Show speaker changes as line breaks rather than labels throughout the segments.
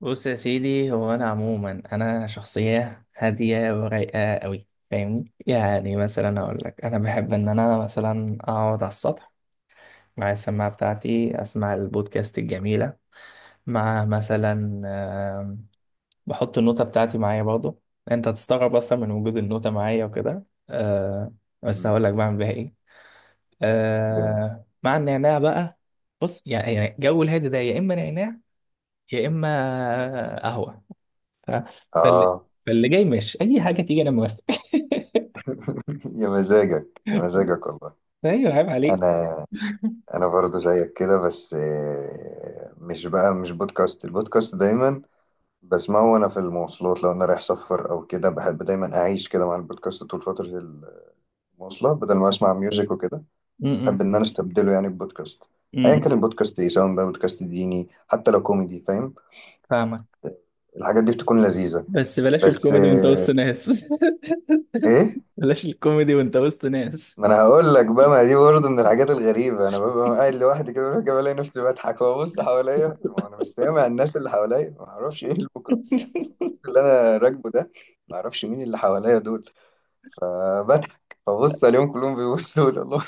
بص يا سيدي، هو انا عموما انا شخصيه هاديه ورايقه قوي، فاهمني؟ يعني مثلا اقول لك انا بحب ان انا مثلا اقعد على السطح مع السماعه بتاعتي اسمع البودكاست الجميله مع مثلا آم، بحط النوتة بتاعتي معايا برضو. انت هتستغرب اصلا من وجود النوتة معايا وكده. آه، بس
مم.
هقول لك بعمل بيها ايه.
جميل،
آه، مع النعناع بقى. بص، يعني جو الهادي ده يا اما نعناع يا اما قهوه. ف- فاللي
اه.
فاللي جاي ماشي، اي حاجه تيجي انا موافق.
يا مزاجك يا مزاجك والله.
ايوه، عيب عليك.
انا انا برضو زيك كده، بس مش البودكاست دايما بسمعه وانا في المواصلات. لو انا رايح سفر او كده بحب دايما اعيش كده مع البودكاست طول فترة المواصلة بدل ما اسمع ميوزك وكده.
م- م-
بحب ان انا استبدله يعني ببودكاست، ايا كان
م-
البودكاست ايه، سواء بقى بودكاست ديني حتى لو كوميدي، فاهم؟
فاهمك.
الحاجات دي بتكون لذيذة.
بس بلاش
بس
الكوميدي وانت وسط ناس.
ايه،
بلاش الكوميدي وانت وسط ناس.
ما انا هقول لك بقى، ما دي برضه من الحاجات الغريبه. انا ببقى قاعد لوحدي كده فجاه بلاقي نفسي بضحك وابص حواليا وانا مش سامع الناس اللي حواليا، ما اعرفش ايه الميكروفون، يعني الميكروفون اللي انا راكبه ده. ما اعرفش مين اللي حواليا دول، فبضحك فبص عليهم كلهم بيبصوا لي. الله،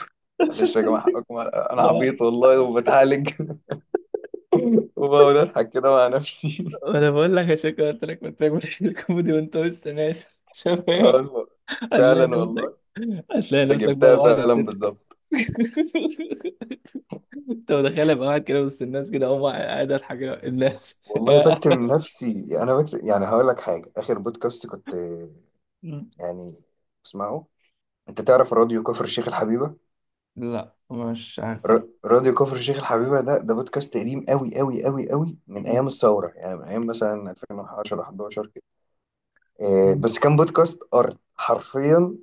معلش يا جماعه حقكم، انا
لا،
عبيط والله وبتعالج. وبقعد اضحك كده مع نفسي.
انا بقول لك عشان كده، قلت لك بلاش الكوميدي وانت وسط ناس. شباب.
أقول
هتلاقي
فعلا
نفسك
والله،
هتلاقي
انت
نفسك بقى
جبتها
واحده
فعلا
بتضحك.
بالظبط.
انت متخيل ابقى قاعد كده وسط الناس، كده اقوم قاعد اضحك كده، الناس.
والله بكتم نفسي، انا بكتم. يعني هقول لك حاجه، اخر بودكاست كنت يعني بسمعه، انت تعرف راديو كفر الشيخ الحبيبه؟
لا، مش عارف.
راديو كفر الشيخ الحبيبه ده بودكاست قديم قوي قوي قوي قوي، من
لا.
ايام الثوره، يعني من ايام مثلا 2010 11 كده.
مم.
بس كان بودكاست ارض حرفيا،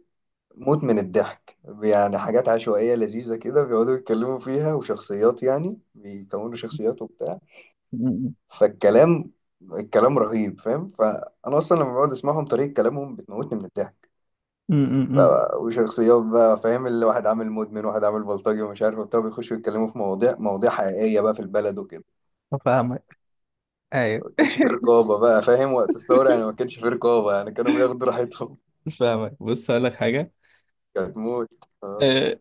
موت من الضحك. يعني حاجات عشوائيه لذيذه كده بيقعدوا يتكلموا فيها، وشخصيات، يعني بيكونوا شخصيات وبتاع.
مم.
فالكلام الكلام رهيب، فاهم؟ فانا اصلا لما بقعد اسمعهم طريقه كلامهم بتموتني من الضحك.
مم.
ف...
مم.
وشخصيات بقى، فاهم؟ اللي واحد عامل مدمن، واحد عامل بلطجي، ومش عارف وبتاع، بيخشوا يتكلموا في مواضيع مواضيع حقيقية بقى في البلد وكده.
فاهمك، ايوه.
ما كانش في رقابة بقى، فاهم؟ وقت الثورة يعني ما كانش في رقابة، يعني كانوا بياخدوا راحتهم.
فاهمك، بص هقول لك حاجه.
كانت موت. آه.
آه،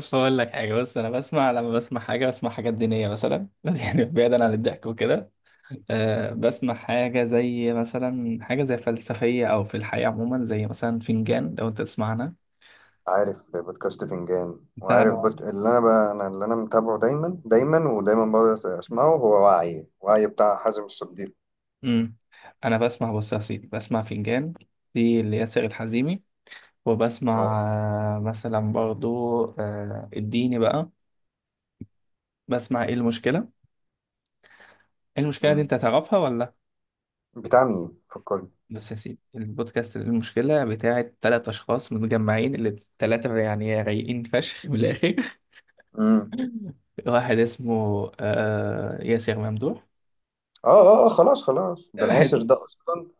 فاقول لك حاجه. بص، انا بسمع، لما بسمع حاجه بسمع حاجات دينيه مثلا. يعني بعيدا عن الضحك وكده. بسمع حاجه زي مثلا، حاجه زي فلسفيه او في الحياه عموما، زي مثلا فنجان لو انت تسمعنا.
عارف بودكاست فنجان؟
انت لو
اللي انا بقى، انا اللي انا متابعه دايما دايما ودايما بقعد اسمعه، هو وعي، بتاع حازم الصديق.
امم انا بسمع، بص يا سيدي، بسمع فنجان، دي اللي ياسر الحزيمي.
اه.
وبسمع مثلا برضو الديني بقى. بسمع ايه المشكلة إيه المشكلة، دي
أمم.
انت هتعرفها ولا؟
بتاع مين فكرني؟
بس يا سيدي، البودكاست المشكلة بتاعت 3 اشخاص متجمعين، اللي التلاتة يعني رايقين فشخ من الاخر.
امم.
واحد اسمه ياسر ممدوح.
اه اه، خلاص خلاص، ده انا
واحد.
ياسر ده اصلا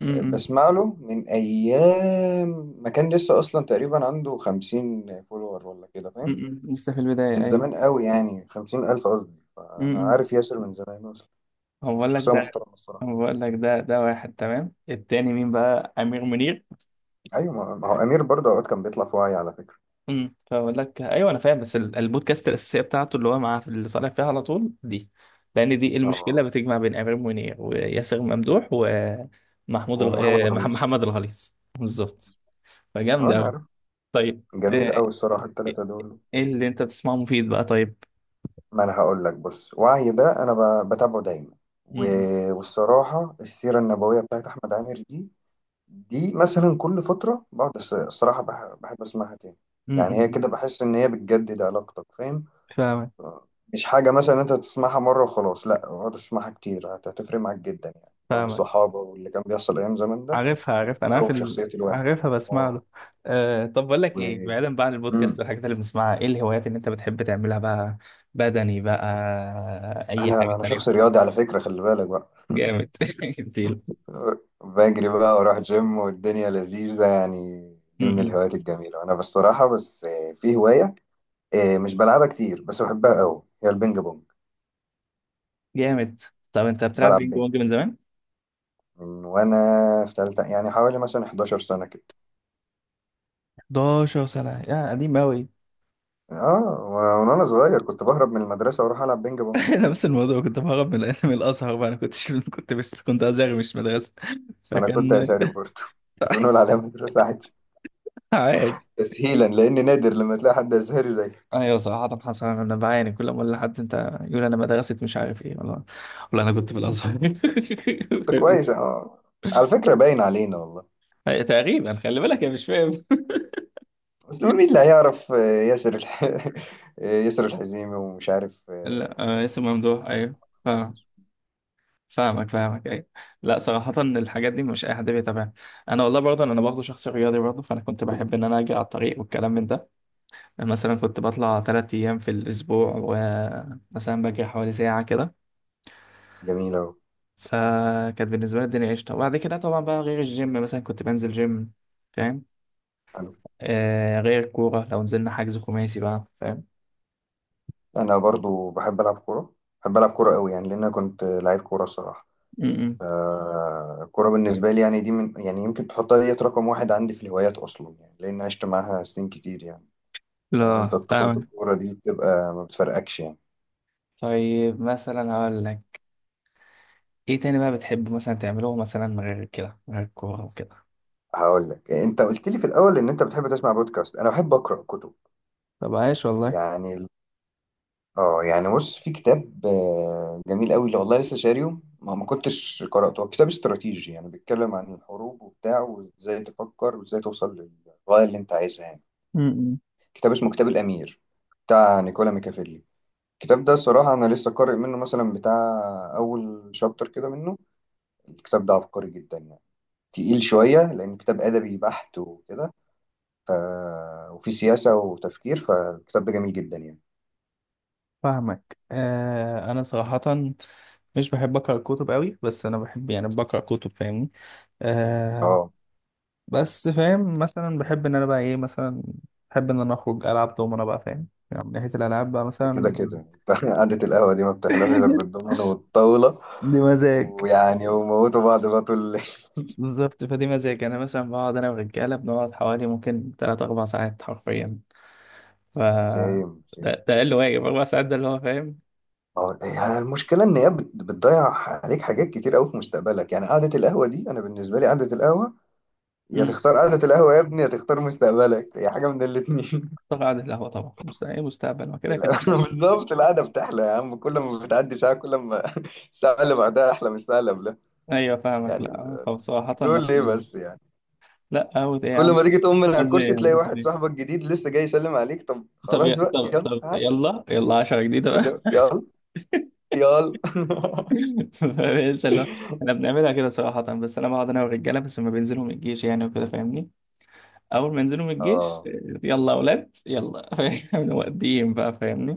م- م-
بسمع له من ايام ما كان لسه اصلا تقريبا عنده 50 فولور ولا كده،
م-
فاهم؟
م. لسه في البداية،
من
ايوه.
زمان قوي، يعني 50,000 قصدي.
م-
فانا
م.
عارف ياسر من زمان اصلا،
هو بقول لك
شخصيه
ده
محترمه الصراحه.
هو بقول لك ده، ده واحد تمام. التاني مين بقى؟ امير منير.
ايوه، ما هو امير برضه اوقات كان بيطلع في وعي على فكره.
فاقول لك ايوه، انا فاهم، بس البودكاست الاساسيه بتاعته اللي هو مع، في اللي طالع فيها على طول دي. لان دي إيه المشكله،
اه،
بتجمع بين امير منير وياسر ممدوح ومحمود
ومحمد الغليظ.
محمد الغليظ. بالظبط،
اه
فجامده
انا
قوي.
عارف،
طيب
جميل قوي الصراحه الثلاثه دول.
ايه اللي انت بتسمعه مفيد بقى طيب؟
ما انا هقول لك، بص، وعي ده انا بتابعه دايما.
امم
والصراحه السيره النبويه بتاعت احمد عامر دي، دي مثلا كل فترة بقعد الصراحة بحب أسمعها تاني. يعني هي
امم
كده بحس إن هي بتجدد علاقتك، فاهم؟
فاهمك
مش حاجة مثلا أنت تسمعها مرة وخلاص، لأ، اقعد تسمعها كتير، هتفرق معاك جدا يعني. جو
فاهمك،
الصحابة واللي كان بيحصل أيام زمان ده،
عارفها عارفها،
أو في شخصية الواحد.
عارفها، بسمع
اه،
له. طب بقول لك
و،
ايه، بعيدا بقى عن البودكاست
مم.
والحاجات اللي بنسمعها، ايه الهوايات اللي انت بتحب تعملها بقى؟ بدني بقى؟ اي حاجه
أنا
تانية؟
شخص رياضي على فكرة، خلي بالك بقى.
جامد.
بجري بقى وأروح جيم والدنيا لذيذة يعني، دي من
جميل.
الهوايات الجميلة. أنا بصراحة، بس في هواية مش بلعبها كتير بس بحبها أوي، هي البينج بونج.
جامد. طب انت بتلعب
بلعب
بينج
بينج
بونج من زمان؟
من وانا في تالتة، يعني حوالي مثلا 11 سنة كده.
11 سنة يا قديم أوي.
اه، من وانا صغير كنت بهرب من المدرسة واروح العب بينج بونج.
انا نفس الموضوع، كنت بهرب من الانمي الازهر بقى، انا كنت كنت، بس كنت ازهر مش مدرسه،
ما انا كنت
فكان
ازهري برضه، بس بنقول عليها مدرسة عادي
عادي.
تسهيلا، لان نادر لما تلاقي حد ازهري زيي.
ايوه صراحه، حصل، انا بعاني كل ما اقول لحد انت، يقول انا مدرسه، مش عارف ايه، والله. والله انا كنت في الازهر.
طب كويس، اه. على فكرة باين علينا والله.
أي، تقريبا، خلي بالك انا مش فاهم.
بس مين اللي هيعرف ياسر ياسر الحزيمي ومش عارف
لا اسم ممدوح ايوه. آه. فاهمك فاهمك، ايوه. لا صراحة الحاجات دي مش اي حد بيتابعها. انا والله برضه، انا برضه شخص رياضي برضه، فانا كنت بحب ان انا اجي على الطريق والكلام من ده. مثلا كنت بطلع 3 ايام في الاسبوع، ومثلا بجري حوالي ساعة كده.
جميل أهو.
فكانت بالنسبة لي الدنيا قشطة. وبعد كده طبعا بقى، غير الجيم مثلا كنت بنزل جيم، فاهم. آه، غير الكورة، لو نزلنا حجز خماسي بقى، فاهم.
أنا برضو بحب ألعب كورة، بحب ألعب كورة قوي يعني، لأن أنا كنت لعيب كورة الصراحة.
م- م.
الكورة بالنسبة لي يعني دي من، يعني يمكن تحطها ديت رقم واحد عندي في الهوايات أصلا، يعني لأن عشت معاها سنين كتير يعني. عارف
لا
أنت طفولة
فاهم.
الكورة دي بتبقى ما بتفرقكش يعني.
طيب مثلا هقول لك، ايه تاني بقى بتحب مثلا تعمله، مثلا غير كده، غير الكورة وكده؟
هقول لك، أنت قلت لي في الأول إن أنت بتحب تسمع بودكاست، أنا بحب أقرأ كتب.
طب عايش والله.
يعني ال- آه يعني، بص، في كتاب جميل قوي، اللي والله لسه شاريه ما كنتش قرأته. هو كتاب استراتيجي، يعني بيتكلم عن الحروب وبتاع، وإزاي تفكر وإزاي توصل للغاية اللي أنت عايزها يعني.
م- م.
كتاب اسمه كتاب الأمير، بتاع نيكولا ميكافيلي. الكتاب ده صراحة أنا لسه قارئ منه مثلا بتاع أول شابتر كده منه. الكتاب ده عبقري جدا يعني، تقيل شوية لأن كتاب أدبي بحت وكده. ف... وفي سياسة وتفكير، فالكتاب ده جميل جدا يعني.
فاهمك، انا صراحة مش بحب اقرا كتب قوي، بس انا بحب يعني بقرا كتب فاهمني. آه
اه،
بس فاهم، مثلا بحب ان انا بقى ايه مثلا، بحب ان انا اخرج العب دومنة بقى، فاهم، يعني من ناحية الالعاب بقى مثلا.
كده كده انت. قعدة القهوة دي ما بتحلاش غير بالضمان والطاولة،
دي مزاج.
ويعني وموتوا بعض بقى طول الليل.
بالظبط، فدي مزاج، انا مثلا بقعد انا والرجاله، بنقعد حوالي ممكن تلات اربع ساعات حرفيا. ف
سيم سيم.
ده اقل واجب 4 ساعات، ده اللي هو فاهم.
اه، هي المشكلة إن هي بتضيع عليك حاجات كتير أوي في مستقبلك. يعني قعدة القهوة دي أنا بالنسبة لي، قعدة القهوة، يا
امم
تختار قعدة القهوة يا ابني، يا تختار مستقبلك، يا حاجة من الاتنين.
طبعا، قعدة القهوه طبعا، مستقبل مستقبل، ما كده كده
القهوة-
طبعا.
بالظبط، القعدة بتحلى يا عم كل ما بتعدي ساعة، كل ما الساعة اللي بعدها أحلى من الساعة اللي قبلها
ايوه فاهمك.
يعني.
لا، طب صراحة
نقول
نفس
ليه
الموضوع.
بس يعني؟
لا اوت ايه يا
كل
عم؟
ما تيجي تقوم من على
قصدي
الكرسي
يعني،
تلاقي
ذاك
واحد
دي.
صاحبك جديد لسه جاي يسلم عليك، طب
طب
خلاص
يا-
بقى
طب
يلا
طب
تعال.
يلا، يلا، عشرة جديدة
اللي
بقى.
يلا، يلا.
فقلت لا، احنا بنعملها كده صراحة، بس انا بقعد انا والرجالة، بس لما بينزلوا من الجيش، يعني وكده فاهمني. اول ما ينزلوا من الجيش
اه،
يلا اولاد يلا. فاهم، مقدمين بقى فاهمني.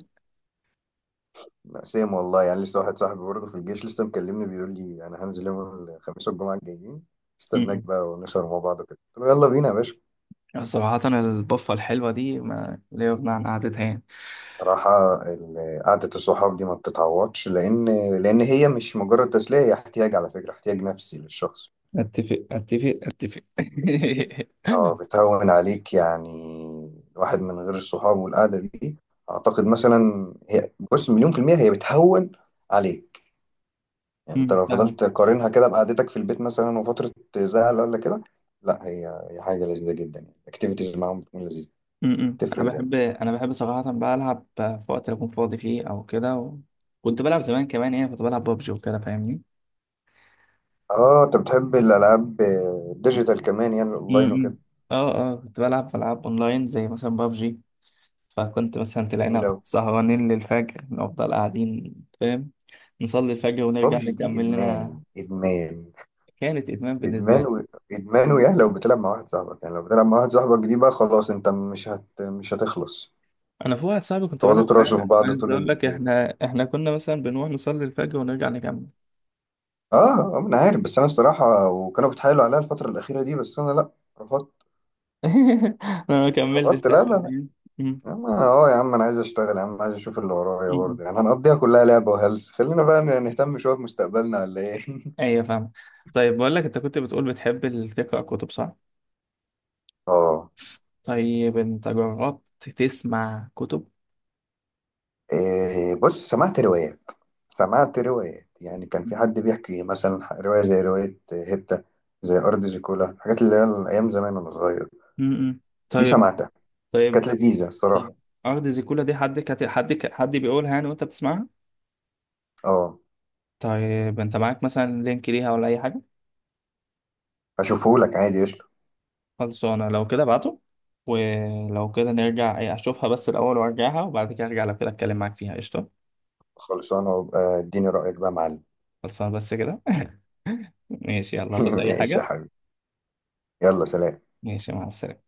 لا سيم والله. يعني لسه واحد صاحبي برضه في الجيش لسه مكلمني بيقول لي انا هنزل يوم الخميس والجمعة الجايين، استناك
م-م.
بقى ونسهر مع بعض كده. قلت له يلا بينا يا باشا.
صراحة البفة الحلوة دي ما لا يغنى عن قعدتها، يعني.
صراحة قعدة الصحاب دي ما بتتعوضش، لأن لأن هي مش مجرد تسلية، هي احتياج على فكرة، احتياج نفسي للشخص.
اتفق اتفق اتفق.
اه، بتهون عليك يعني. الواحد من غير الصحاب والقعدة دي، أعتقد مثلا هي، بص، مليون في المية هي بتهون عليك يعني. أنت لو
فاهمك.
فضلت تقارنها كده بقعدتك في البيت مثلا وفترة زعل ولا كده، لا هي، حاجة لذيذة جدا يعني. الأكتيفيتيز معاهم بتكون لذيذة،
انا
تفرق جامد.
بحب انا بحب صراحه بقى، العب في وقت اللي اكون فاضي فيه او كده و... كنت بلعب زمان كمان، يعني كنت بلعب ببجي وكده فاهمني.
اه أنت بتحب الألعاب الديجيتال كمان يعني الأونلاين
م-م.
وكده.
اه اه، كنت بلعب العاب اونلاين زي مثلا ببجي. فكنت مثلا
جميلة
تلاقينا
أوي.
سهرانين للفجر، نفضل قاعدين، فاهم. نصلي الفجر ونرجع
بابجي دي
نكمل
ادمان،
لنا.
ادمان،
كانت ادمان بالنسبه
ادمان
لي.
و... ادمان. ويا لو بتلعب مع واحد صاحبك يعني، لو بتلعب مع واحد صاحبك دي بقى خلاص، انت مش هتخلص.
انا في واحد صاحبي كنت
تقعدوا
بلعب
تراشوا في
معاه،
بعض
عايز
طول
اقول لك،
الليل.
احنا كنا مثلا بنروح نصلي الفجر ونرجع نكمل.
اه، انا عارف. بس انا الصراحه وكانوا بيتحايلوا عليا الفتره الاخيره دي، بس انا لا، رفضت.
انا ما كملتش
رفضت،
بتاعت.
لا لا لا.
م-م.
يا عم انا اه، يا عم انا عايز اشتغل يا عم، عايز اشوف اللي ورايا برضه يعني. هنقضيها كلها لعبه وهلس؟ خلينا بقى نهتم شويه بمستقبلنا ولا ايه؟
ايوه، فاهم. طيب بقول لك، انت كنت بتقول بتحب تقرا كتب، صح؟
اه،
طيب انت جربت تسمع كتب؟
إيه، بص، سمعت روايه، سمعت روايات. يعني كان في حد بيحكي مثلا، رواية زي رواية هبتة، زي أرض زيكولا، الحاجات اللي هي أيام زمان وأنا صغير.
امم
دي
طيب.
سمعتها، كانت
طيب.
لذيذة الصراحة.
طيب. ارض زيكولا دي، حد كت... حد ك... حد بيقولها يعني وانت بتسمعها؟
أه،
طيب انت معاك مثلا لينك ليها ولا اي حاجه؟
هشوفهولك عادي قشطة.
خلصانه لو كده ابعته. ولو كده نرجع اشوفها بس الاول وارجعها، وبعد كده ارجع، لو كده اتكلم معاك فيها، قشطه.
خلصانة، وابقى اديني رأيك بقى يا معلم.
خلصانه بس كده. ماشي، يلا، هتعوز اي
ماشي يا
حاجه؟
حبيبي، يلا سلام.
ماشي، مع السلامه.